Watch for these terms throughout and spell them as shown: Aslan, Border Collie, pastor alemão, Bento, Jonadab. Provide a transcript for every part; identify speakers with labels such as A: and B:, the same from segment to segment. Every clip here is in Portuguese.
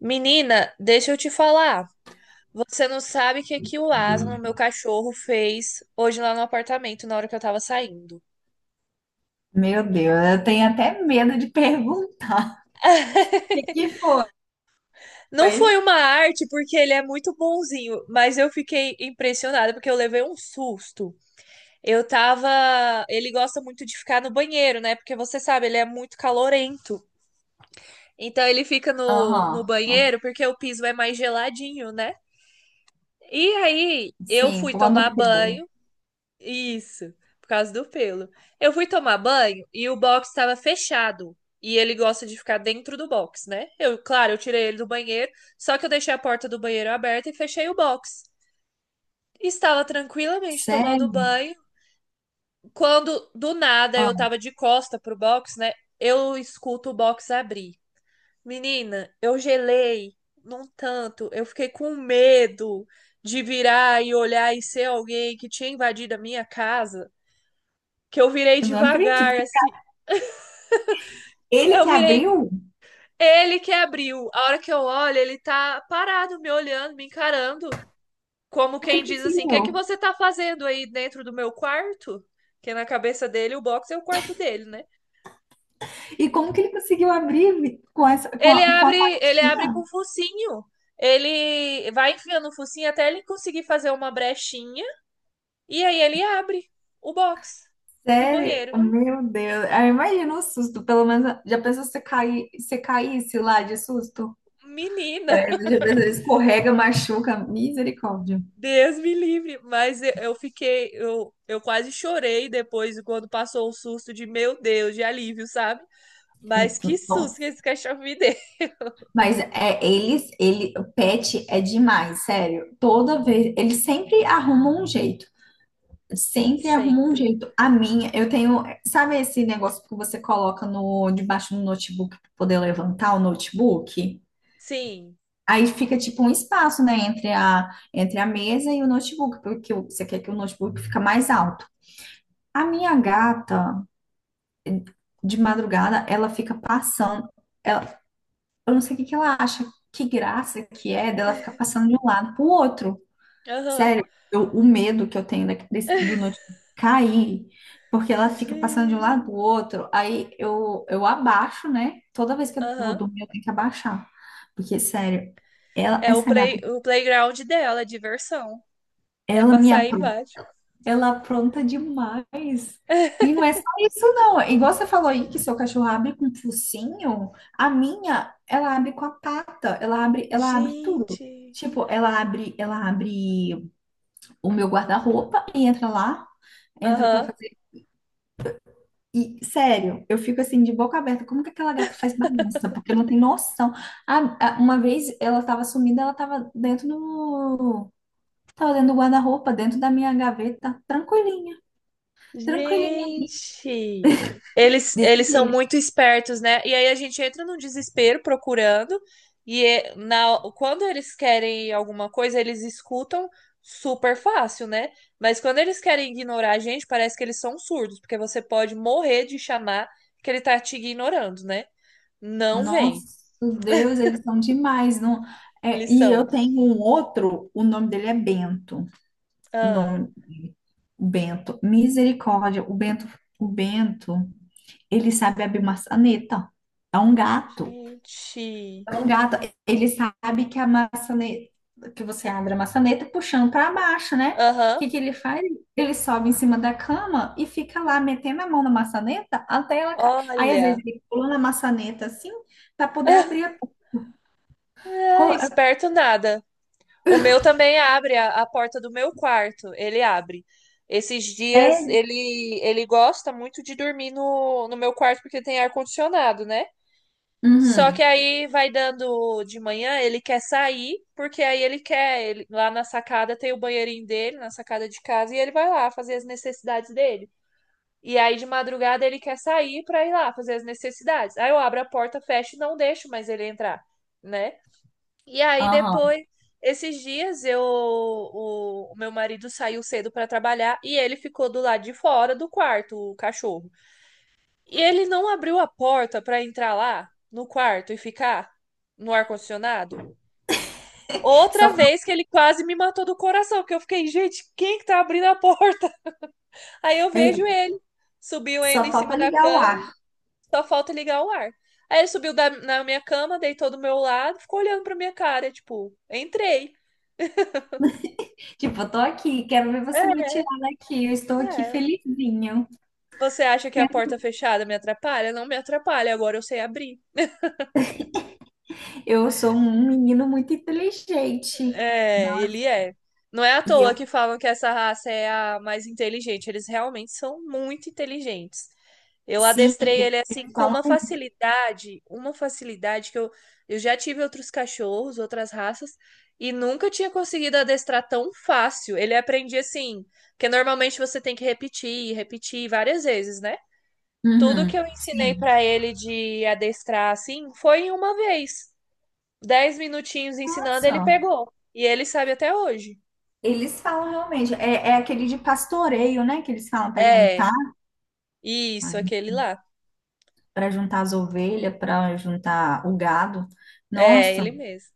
A: Menina, deixa eu te falar. Você não sabe o que que o Aslan, meu cachorro, fez hoje lá no apartamento na hora que eu tava saindo.
B: Meu Deus, eu tenho até medo de perguntar.
A: Não foi
B: Foi.
A: uma arte, porque ele é muito bonzinho, mas eu fiquei impressionada porque eu levei um susto. Eu tava. Ele gosta muito de ficar no banheiro, né? Porque você sabe, ele é muito calorento. Então ele fica no
B: Aham.
A: banheiro porque o piso é mais geladinho, né? E aí eu
B: Sim,
A: fui
B: quando
A: tomar
B: pelo.
A: banho. Isso, por causa do pelo. Eu fui tomar banho e o box estava fechado. E ele gosta de ficar dentro do box, né? Eu, claro, eu tirei ele do banheiro, só que eu deixei a porta do banheiro aberta e fechei o box. Estava tranquilamente tomando
B: Sério?
A: banho, quando do nada eu
B: Ah,
A: tava de costa pro box, né? Eu escuto o box abrir. Menina, eu gelei num tanto, eu fiquei com medo de virar e olhar e ser alguém que tinha invadido a minha casa. Que eu virei
B: eu não acredito
A: devagar,
B: que
A: assim.
B: ele
A: Eu
B: que
A: virei,
B: abriu?
A: ele que abriu. A hora que eu olho, ele tá parado, me olhando, me encarando. Como
B: Como que
A: quem
B: ele
A: diz assim: o que, é que
B: conseguiu?
A: você tá fazendo aí dentro do meu quarto? Que na cabeça dele, o box é o quarto dele, né?
B: E como que ele conseguiu abrir com essa, com a, com a
A: Ele abre com
B: pastinha?
A: o focinho. Ele vai enfiando o focinho até ele conseguir fazer uma brechinha. E aí ele abre o box do
B: Sério?
A: banheiro.
B: Meu Deus. Ah, imagina o susto, pelo menos. Já pensou se você cair, se caísse lá de susto?
A: Menina,
B: Credo, já pensou, escorrega, machuca. Misericórdia.
A: Deus me livre, mas eu fiquei, eu quase chorei depois quando passou o susto de meu Deus, de alívio, sabe? Mas que susto que
B: Nossa.
A: esse cachorro me deu.
B: Mas é, o pet é demais, sério. Toda vez, eles sempre arrumam um jeito. Sempre arrumam um
A: Sempre.
B: jeito. A minha, eu tenho, sabe esse negócio que você coloca no debaixo do notebook para poder levantar o notebook?
A: Sim.
B: Aí fica tipo um espaço, né, entre a mesa e o notebook, porque você quer que o notebook fica mais alto. A minha gata, de madrugada, ela fica passando. Eu não sei o que que ela acha, que graça que é dela ficar passando de um lado pro outro.
A: Aham.
B: Sério, o medo que eu tenho do notebook cair, porque ela fica passando de um
A: Gente.
B: lado pro outro, aí eu abaixo, né? Toda vez que eu vou
A: Aham.
B: dormir, eu tenho que abaixar. Porque, sério, ela,
A: É o
B: essa gata,
A: play, o playground dela, é diversão. É
B: ela me
A: passar aí embaixo.
B: ela apronta demais. E não é só isso, não. Igual você falou aí que seu cachorro abre com o focinho, a minha, ela abre com a pata, ela abre tudo.
A: Gente.
B: Tipo, ela abre o meu guarda-roupa e entra lá, entra pra
A: Aham.
B: fazer. E, sério, eu fico assim de boca aberta, como que aquela gata faz bagunça? Porque não tem noção. Uma vez ela tava sumida, ela tava tava dentro do guarda-roupa, dentro da minha gaveta, tranquilinha.
A: Gente, eles,
B: Desse
A: eles são
B: jeito.
A: muito espertos, né? E aí a gente entra num desespero procurando, e é- na, quando eles querem alguma coisa, eles escutam super fácil, né? Mas quando eles querem ignorar a gente, parece que eles são surdos, porque você pode morrer de chamar que ele tá te ignorando, né? Não
B: Nossa,
A: vem.
B: Deus, eles são demais, não? É,
A: Eles
B: e eu
A: são.
B: tenho um outro, o nome dele é Bento, o
A: Ah,
B: nome Bento, misericórdia, o Bento, ele sabe abrir maçaneta, é um gato,
A: gente.
B: é um gato, ele sabe que a maçaneta, que você abre a maçaneta puxando para baixo, né? O
A: Aham.
B: que que ele faz? Ele sobe em cima da cama e fica lá metendo a mão na maçaneta até ela cair. Aí às vezes
A: Olha.
B: ele pula na maçaneta assim para poder abrir
A: É,
B: Co-
A: esperto nada. O meu também abre, a porta do meu quarto, ele abre. Esses dias
B: Sério?
A: ele gosta muito de dormir no meu quarto porque tem ar-condicionado, né? Só
B: Uhum,
A: que aí vai dando de manhã, ele quer sair, porque aí ele quer, ele- lá na sacada tem o banheirinho dele, na sacada de casa, e ele vai lá fazer as necessidades dele. E aí de madrugada ele quer sair pra ir lá fazer as necessidades. Aí eu abro a porta, fecho e não deixo mais ele entrar, né? E aí
B: aham.
A: depois, esses dias, eu, o meu marido saiu cedo para trabalhar e ele ficou do lado de fora do quarto, o cachorro. E ele não abriu a porta para entrar lá no quarto e ficar no ar-condicionado.
B: Só,
A: Outra
B: fa-
A: vez que ele quase me matou do coração, que eu fiquei, gente, quem que tá abrindo a porta? Aí eu
B: é,
A: vejo ele. Subiu
B: só
A: ainda em
B: falta
A: cima da
B: ligar o
A: cama,
B: ar.
A: só falta ligar o ar. Aí ele subiu da- na minha cama, deitou do meu lado, ficou olhando pra minha cara, tipo, entrei.
B: Tipo, eu tô aqui, quero ver você me
A: É.
B: tirar daqui. Eu estou aqui
A: É,
B: felizinho.
A: você acha que a porta fechada me atrapalha? Não me atrapalha, agora eu sei abrir.
B: Eu sou um menino muito inteligente.
A: É,
B: Não,
A: ele é. Não é à
B: e
A: toa
B: eu,
A: que falam que essa raça é a mais inteligente. Eles realmente são muito inteligentes. Eu
B: sim,
A: adestrei ele assim
B: eles
A: com
B: falam.
A: uma facilidade que eu já tive outros cachorros, outras raças, e nunca tinha conseguido adestrar tão fácil. Ele aprendia assim, porque normalmente você tem que repetir, repetir várias vezes, né? Tudo
B: Uhum,
A: que eu ensinei
B: sim.
A: pra ele de adestrar assim foi em uma vez. 10 minutinhos ensinando, ele
B: Nossa,
A: pegou. E ele sabe até hoje.
B: eles falam realmente. É, é aquele de pastoreio, né? Que eles falam
A: É, isso, aquele lá.
B: para juntar as ovelhas, para juntar o gado.
A: É,
B: Nossa.
A: ele mesmo.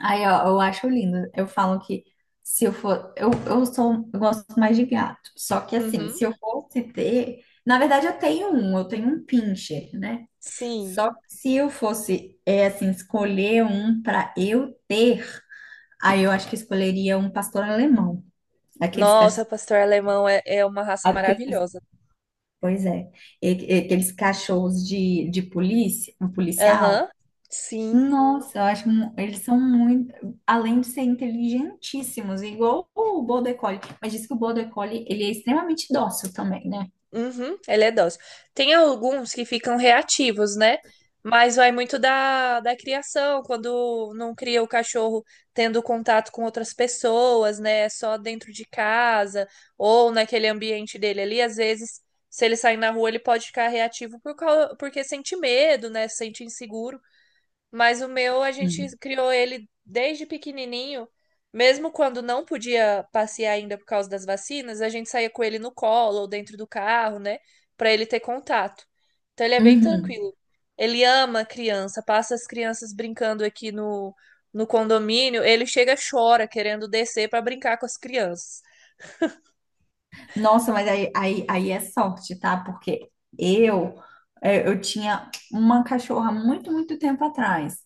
B: Aí, ó, eu acho lindo. Eu falo que se eu for. Eu sou. Eu gosto mais de gato. Só que, assim,
A: Uhum,
B: se eu fosse ter. Na verdade, eu tenho um. Eu tenho um pincher, né?
A: sim.
B: Só que se eu fosse, é, assim, escolher um para eu ter, aí eu acho que escolheria um pastor alemão. Aqueles cachorros.
A: Nossa, pastor alemão é, é uma raça
B: Aqueles,
A: maravilhosa.
B: pois é. E- Aqueles cachorros de, polícia, um policial.
A: Aham, sim.
B: Nossa, eles são muito, além de serem inteligentíssimos, igual o Border Collie, mas diz que o Border Collie, ele é extremamente dócil também, né?
A: Uhum, ele é dócil. Tem alguns que ficam reativos, né? Mas vai muito da criação, quando não cria o cachorro tendo contato com outras pessoas, né? É só dentro de casa ou naquele ambiente dele ali. Às vezes, se ele sair na rua, ele pode ficar reativo por, cau- porque sente medo, né? Sente inseguro. Mas o meu, a gente
B: Hum.
A: criou ele desde pequenininho, mesmo quando não podia passear ainda por causa das vacinas, a gente saía com ele no colo ou dentro do carro, né, pra ele ter contato. Então ele é bem
B: Uhum.
A: tranquilo. Ele ama criança, passa as crianças brincando aqui no, no condomínio, ele chega, chora querendo descer pra brincar com as crianças.
B: Nossa, mas aí é sorte, tá? Porque eu, eu tinha uma cachorra muito tempo atrás.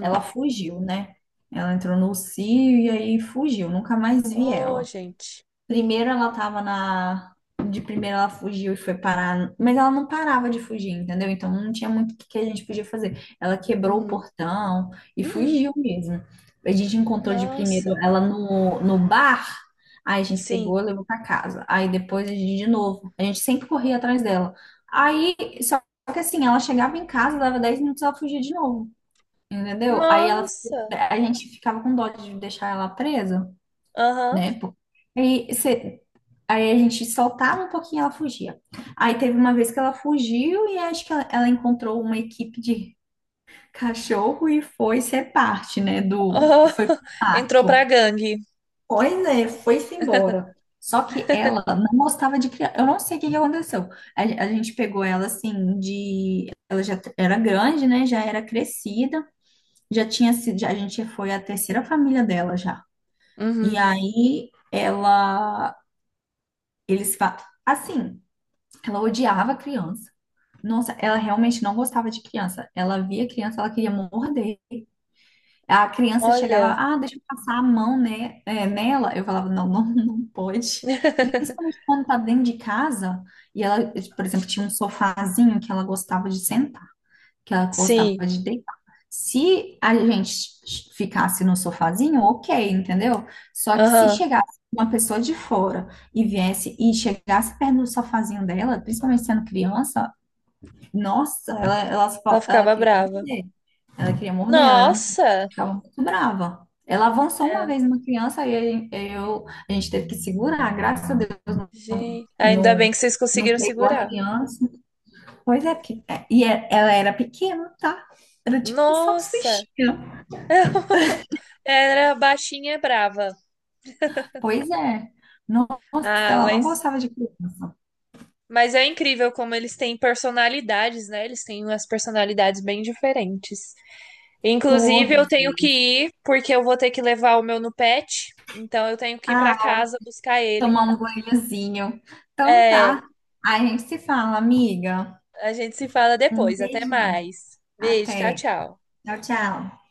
B: Ela fugiu, né? Ela entrou no cio e aí fugiu, nunca mais vi
A: Oh,
B: ela.
A: gente.
B: Primeiro ela tava na. De primeiro ela fugiu e foi parar. Mas ela não parava de fugir, entendeu? Então não tinha muito o que que a gente podia fazer. Ela quebrou o
A: Uhum.
B: portão e
A: Uhum.
B: fugiu mesmo. A gente encontrou de primeiro
A: Nossa.
B: ela no bar, aí a gente
A: Sim.
B: pegou e levou pra casa. Aí depois a gente de novo. A gente sempre corria atrás dela. Aí, só que assim, ela chegava em casa, dava 10 minutos, ela fugia de novo. Entendeu?
A: Nossa.
B: A gente ficava com dó de deixar ela presa,
A: Aham.
B: né? Pô. Aí, cê- aí a gente soltava um pouquinho e ela fugia. Aí teve uma vez que ela fugiu e acho que ela encontrou uma equipe de cachorro e foi ser parte, né, do...
A: Oh,
B: Foi pro
A: entrou pra
B: mato.
A: gangue.
B: Pois é, foi-se embora. Só que ela não gostava de criar. Eu não sei o que que aconteceu. A gente pegou ela assim de. Ela já era grande, né? Já era crescida. Já tinha sido. Já- A gente foi a terceira família dela já. E
A: Uhum.
B: aí ela. Eles falam. Assim, ela odiava criança. Nossa, ela realmente não gostava de criança. Ela via criança, ela queria morder. A criança chegava,
A: Olha.
B: ah, deixa eu passar a mão, né, é, nela. Eu falava, não, não, não pode. Principalmente quando tá dentro de casa. E ela, por exemplo, tinha um sofazinho que ela gostava de sentar, que ela gostava
A: Sim.
B: de deitar. Se a gente ficasse no sofazinho, ok, entendeu? Só que se
A: Aham.
B: chegasse uma pessoa de fora e viesse e chegasse perto do sofazinho dela, principalmente sendo criança, nossa,
A: Ela
B: ela
A: ficava
B: queria
A: brava.
B: morder. Ela queria morder,
A: Nossa!
B: ficava muito brava. Ela avançou uma vez
A: É,
B: uma criança e a gente teve que segurar, graças a Deus,
A: gente. Ainda
B: não,
A: bem que vocês
B: não
A: conseguiram
B: pegou a
A: segurar.
B: criança. Pois é, ela era pequena, tá? Era tipo um
A: Nossa!
B: salsichinha.
A: Era baixinha e brava.
B: Pois é. Nossa,
A: Ah,
B: ela não gostava de criança.
A: mas é incrível como eles têm personalidades, né? Eles têm umas personalidades bem diferentes. Inclusive, eu
B: Todos
A: tenho que
B: eles.
A: ir, porque eu vou ter que levar o meu no pet. Então, eu tenho que ir pra
B: Ah,
A: casa buscar ele.
B: tomar um banhozinho. Então
A: É.
B: tá. Aí a gente se fala, amiga.
A: A gente se fala
B: Um
A: depois. Até
B: beijão.
A: mais. Beijo, tchau,
B: Até.
A: tchau.
B: Tchau, tchau.